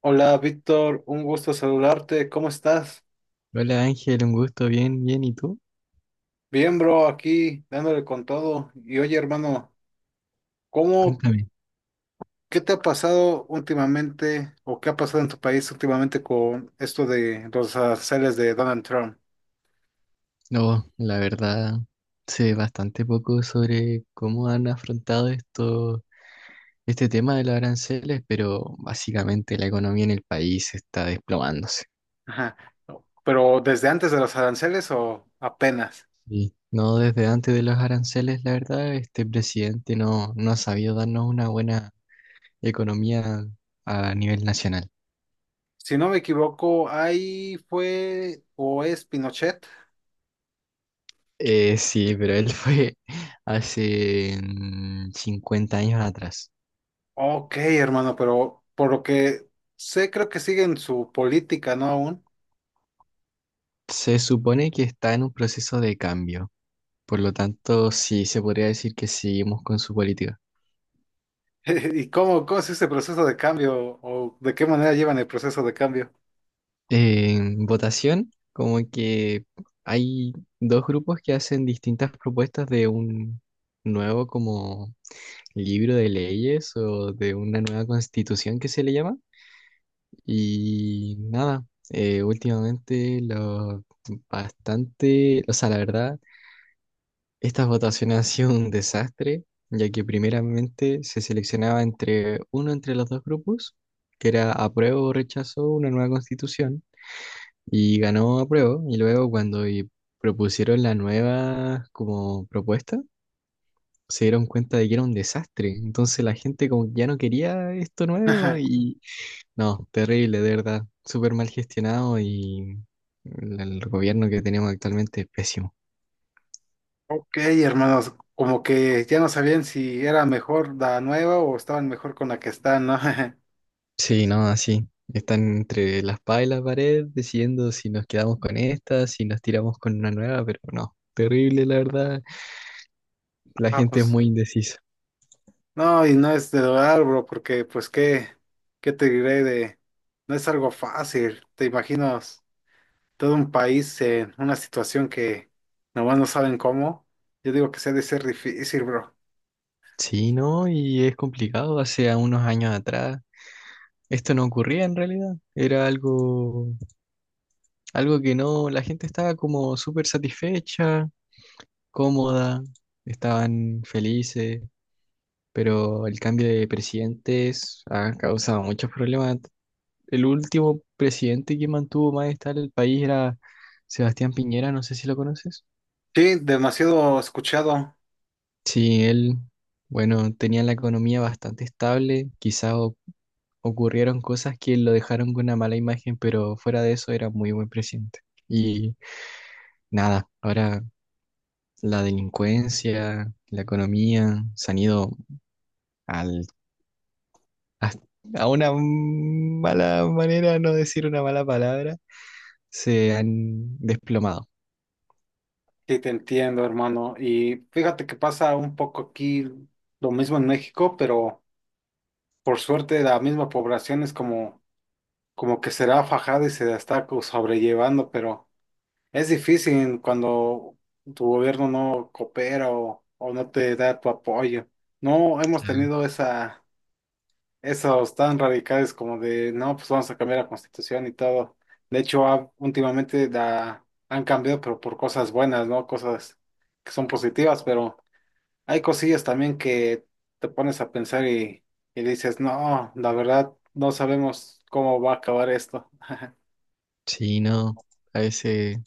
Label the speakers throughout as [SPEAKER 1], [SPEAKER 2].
[SPEAKER 1] Hola Víctor, un gusto saludarte, ¿cómo estás?
[SPEAKER 2] Hola Ángel, un gusto, bien, bien, ¿y tú?
[SPEAKER 1] Bien, bro, aquí dándole con todo. Y oye, hermano, ¿cómo,
[SPEAKER 2] Cuéntame.
[SPEAKER 1] ¿qué te ha pasado últimamente o qué ha pasado en tu país últimamente con esto de los aranceles de Donald Trump?
[SPEAKER 2] No, la verdad, sé bastante poco sobre cómo han afrontado esto, este tema de los aranceles, pero básicamente la economía en el país está desplomándose.
[SPEAKER 1] Ajá. ¿Pero desde antes de los aranceles o apenas?
[SPEAKER 2] Y no desde antes de los aranceles, la verdad, este presidente no ha sabido darnos una buena economía a nivel nacional.
[SPEAKER 1] Si no me equivoco, ahí fue o es Pinochet.
[SPEAKER 2] Sí, pero él fue hace 50 años atrás.
[SPEAKER 1] Ok, hermano, pero por lo que sé, creo que sigue en su política, ¿no? Aún.
[SPEAKER 2] Se supone que está en un proceso de cambio, por lo tanto, sí se podría decir que seguimos con su política.
[SPEAKER 1] ¿Y cómo es ese proceso de cambio o de qué manera llevan el proceso de cambio?
[SPEAKER 2] En votación, como que hay dos grupos que hacen distintas propuestas de un nuevo como libro de leyes o de una nueva constitución que se le llama. Y nada, últimamente lo bastante, o sea, la verdad. Estas votaciones han sido un desastre, ya que primeramente se seleccionaba entre uno entre los dos grupos, que era apruebo o rechazo una nueva constitución, y ganó apruebo, y luego propusieron la nueva como propuesta, se dieron cuenta de que era un desastre, entonces la gente como que ya no quería esto nuevo y no, terrible, de verdad, súper mal gestionado y el gobierno que tenemos actualmente es pésimo.
[SPEAKER 1] Ok, hermanos, como que ya no sabían si era mejor la nueva o estaban mejor con la que están, ¿no?
[SPEAKER 2] Sí, no, así. Están entre la espada y la pared decidiendo si nos quedamos con esta, si nos tiramos con una nueva, pero no. Terrible, la verdad. La
[SPEAKER 1] Ah,
[SPEAKER 2] gente es
[SPEAKER 1] pues
[SPEAKER 2] muy indecisa.
[SPEAKER 1] no, y no es de dudar, bro, porque pues qué, qué te diré de, no es algo fácil, te imaginas todo un país en una situación que nomás no saben cómo, yo digo que se ha de ser difícil, bro.
[SPEAKER 2] Sí, no, y es complicado. Hace a unos años atrás esto no ocurría en realidad. Era algo, algo que no, la gente estaba como súper satisfecha, cómoda, estaban felices, pero el cambio de presidentes ha causado muchos problemas. El último presidente que mantuvo más estable el país era Sebastián Piñera, no sé si lo conoces.
[SPEAKER 1] Sí, demasiado escuchado.
[SPEAKER 2] Sí, él, bueno, tenía la economía bastante estable, ocurrieron cosas que lo dejaron con una mala imagen, pero fuera de eso era muy buen presidente. Y nada, ahora la delincuencia, la economía se han ido al, a, a una mala manera, no decir una mala palabra, se han desplomado.
[SPEAKER 1] Sí, te entiendo, hermano. Y fíjate que pasa un poco aquí lo mismo en México, pero por suerte la misma población es como, como que será fajada y se la está sobrellevando, pero es difícil cuando tu gobierno no coopera o no te da tu apoyo. No hemos tenido esos tan radicales como de, no, pues vamos a cambiar la constitución y todo. De hecho, últimamente la han cambiado, pero por cosas buenas, ¿no? Cosas que son positivas, pero... Hay cosillas también que te pones a pensar y dices, no, la verdad, no sabemos cómo va a acabar esto.
[SPEAKER 2] Sí, no, a veces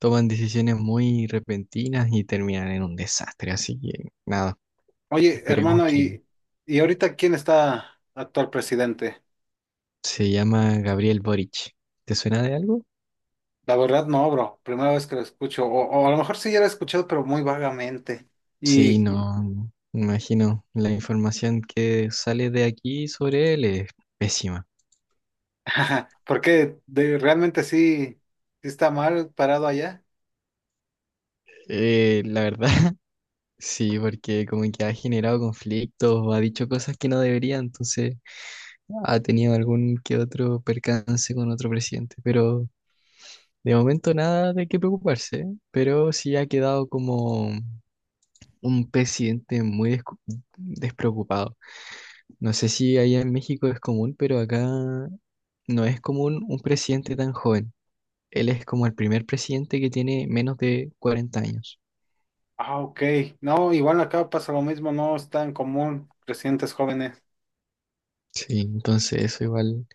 [SPEAKER 2] toman decisiones muy repentinas y terminan en un desastre. Así que nada,
[SPEAKER 1] Oye,
[SPEAKER 2] esperemos
[SPEAKER 1] hermano,
[SPEAKER 2] que
[SPEAKER 1] ¿y ahorita quién está actual presidente?
[SPEAKER 2] se llama Gabriel Boric. ¿Te suena de algo?
[SPEAKER 1] La verdad, no, bro. Primera vez que lo escucho. O a lo mejor sí ya lo he escuchado, pero muy vagamente.
[SPEAKER 2] Sí,
[SPEAKER 1] Y
[SPEAKER 2] no, me imagino. La información que sale de aquí sobre él es pésima.
[SPEAKER 1] porque de, realmente sí, sí está mal parado allá.
[SPEAKER 2] La verdad, sí, porque como que ha generado conflictos o ha dicho cosas que no debería, entonces ha tenido algún que otro percance con otro presidente, pero de momento nada de qué preocuparse, ¿eh? Pero sí ha quedado como un presidente despreocupado. No sé si allá en México es común, pero acá no es común un presidente tan joven. Él es como el primer presidente que tiene menos de 40 años.
[SPEAKER 1] Ah, ok. No, igual acá pasa lo mismo, no es tan común presidentes jóvenes.
[SPEAKER 2] Sí, entonces eso igual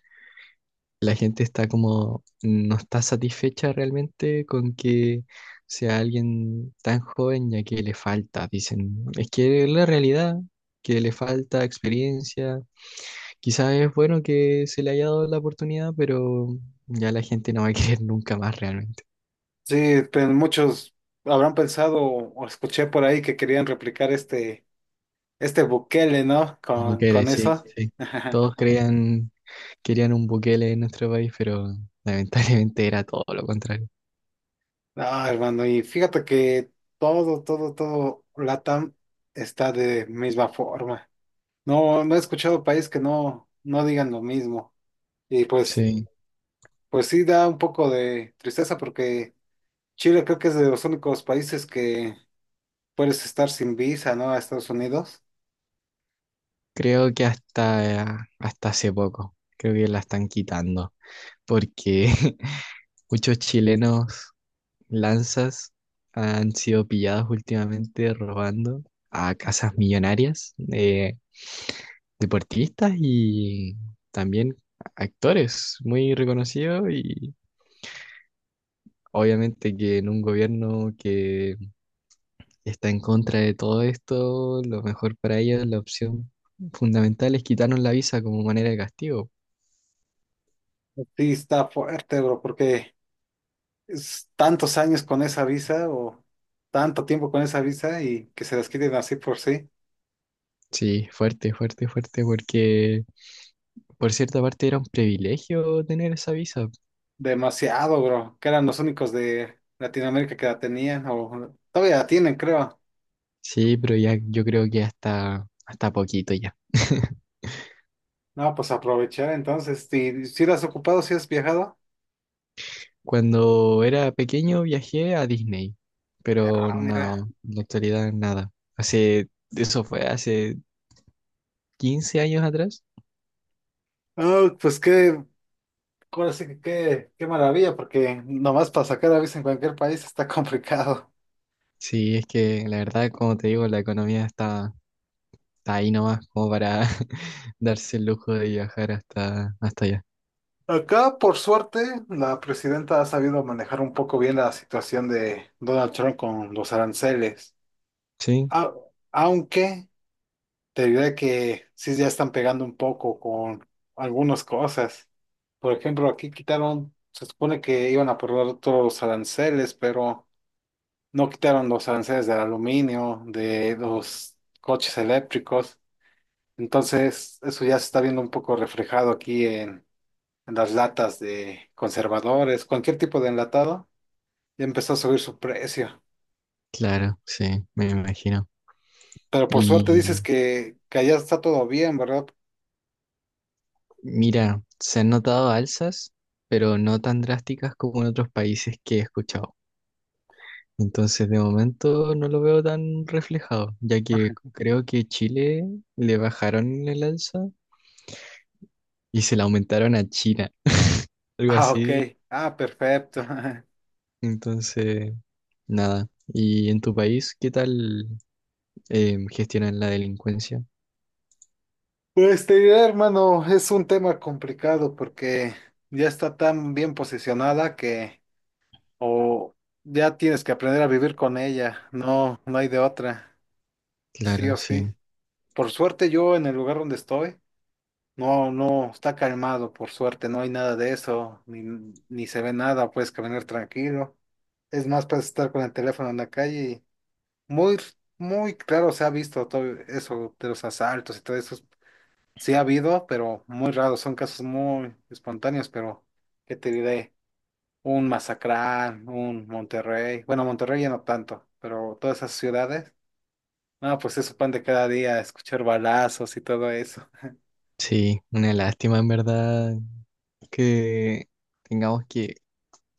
[SPEAKER 2] la gente está como, no está satisfecha realmente con que sea alguien tan joven ya que le falta, dicen, es que es la realidad, que le falta experiencia. Quizás es bueno que se le haya dado la oportunidad, pero ya la gente no va a querer nunca más realmente.
[SPEAKER 1] Sí, pero muchos habrán pensado o escuché por ahí que querían replicar este Bukele, ¿no?
[SPEAKER 2] El
[SPEAKER 1] Con,
[SPEAKER 2] Bukele,
[SPEAKER 1] con
[SPEAKER 2] sí,
[SPEAKER 1] eso.
[SPEAKER 2] sí. Todos creían, querían un Bukele en nuestro país, pero lamentablemente era todo lo contrario.
[SPEAKER 1] No, hermano, y fíjate que todo, todo, todo LATAM está de misma forma. No, no he escuchado país que no digan lo mismo. Y pues,
[SPEAKER 2] Sí,
[SPEAKER 1] pues sí da un poco de tristeza porque Chile creo que es de los únicos países que puedes estar sin visa, ¿no? A Estados Unidos.
[SPEAKER 2] creo que hasta, hasta hace poco, creo que la están quitando, porque muchos chilenos lanzas han sido pillados últimamente robando a casas millonarias. Deportistas y también actores muy reconocidos y obviamente que en un gobierno que está en contra de todo esto, lo mejor para ellos, la opción fundamental es quitarnos la visa como manera de castigo.
[SPEAKER 1] Sí, está fuerte, bro, porque es tantos años con esa visa o tanto tiempo con esa visa y que se las quiten así por sí.
[SPEAKER 2] Sí, fuerte, fuerte, fuerte, porque por cierta parte era un privilegio tener esa visa.
[SPEAKER 1] Demasiado, bro. Que eran los únicos de Latinoamérica que la tenían o todavía la tienen, creo.
[SPEAKER 2] Sí, pero ya yo creo que hasta, hasta poquito ya.
[SPEAKER 1] No, pues aprovechar entonces. Si la has ocupado, si has viajado.
[SPEAKER 2] Cuando era pequeño viajé a Disney, pero
[SPEAKER 1] Ah,
[SPEAKER 2] no,
[SPEAKER 1] mira.
[SPEAKER 2] en la actualidad nada. Hace, eso fue hace 15 años atrás.
[SPEAKER 1] Ah, ahora sí que qué maravilla, porque nomás para sacar la visa en cualquier país está complicado.
[SPEAKER 2] Sí, es que la verdad, como te digo, la economía está, está ahí nomás como para darse el lujo de viajar hasta, hasta allá.
[SPEAKER 1] Acá, por suerte, la presidenta ha sabido manejar un poco bien la situación de Donald Trump con los aranceles.
[SPEAKER 2] Sí,
[SPEAKER 1] A- Aunque te diré que sí ya están pegando un poco con algunas cosas. Por ejemplo, aquí quitaron, se supone que iban a probar todos los aranceles, pero no quitaron los aranceles del aluminio, de los coches eléctricos. Entonces, eso ya se está viendo un poco reflejado aquí las latas de conservadores, cualquier tipo de enlatado, ya empezó a subir su precio.
[SPEAKER 2] claro, sí, me imagino.
[SPEAKER 1] Pero por suerte dices
[SPEAKER 2] Y
[SPEAKER 1] que allá está todo bien, ¿verdad?
[SPEAKER 2] mira, se han notado alzas, pero no tan drásticas como en otros países que he escuchado. Entonces, de momento no lo veo tan reflejado, ya que creo que Chile le bajaron el alza y se la aumentaron a China, algo
[SPEAKER 1] Ah, ok.
[SPEAKER 2] así.
[SPEAKER 1] Ah, perfecto.
[SPEAKER 2] Entonces, nada. ¿Y en tu país qué tal gestionan la delincuencia?
[SPEAKER 1] Pues te diré, hermano, es un tema complicado porque ya está tan bien posicionada que o ya tienes que aprender a vivir con ella. No, no hay de otra. Sí o
[SPEAKER 2] Claro,
[SPEAKER 1] sí.
[SPEAKER 2] sí.
[SPEAKER 1] Por suerte yo en el lugar donde estoy. No, no, está calmado, por suerte, no hay nada de eso, ni, ni se ve nada, puedes caminar tranquilo. Es más, puedes estar con el teléfono en la calle y muy, muy claro se ha visto todo eso de los asaltos y todo eso. Sí ha habido, pero muy raro, son casos muy espontáneos, pero ¿qué te diré? Un Mazatlán, un Monterrey, bueno, Monterrey ya no tanto, pero todas esas ciudades, ah, pues es su pan de cada día, escuchar balazos y todo eso.
[SPEAKER 2] Sí, una lástima en verdad que tengamos que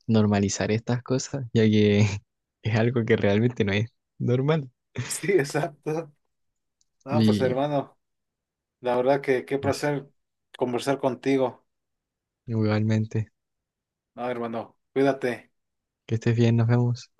[SPEAKER 2] normalizar estas cosas, ya que es algo que realmente no es normal.
[SPEAKER 1] Sí, exacto. Ah, pues
[SPEAKER 2] Y
[SPEAKER 1] hermano. La verdad que qué
[SPEAKER 2] eso,
[SPEAKER 1] placer conversar contigo.
[SPEAKER 2] igualmente,
[SPEAKER 1] No, hermano, cuídate.
[SPEAKER 2] que estés bien, nos vemos.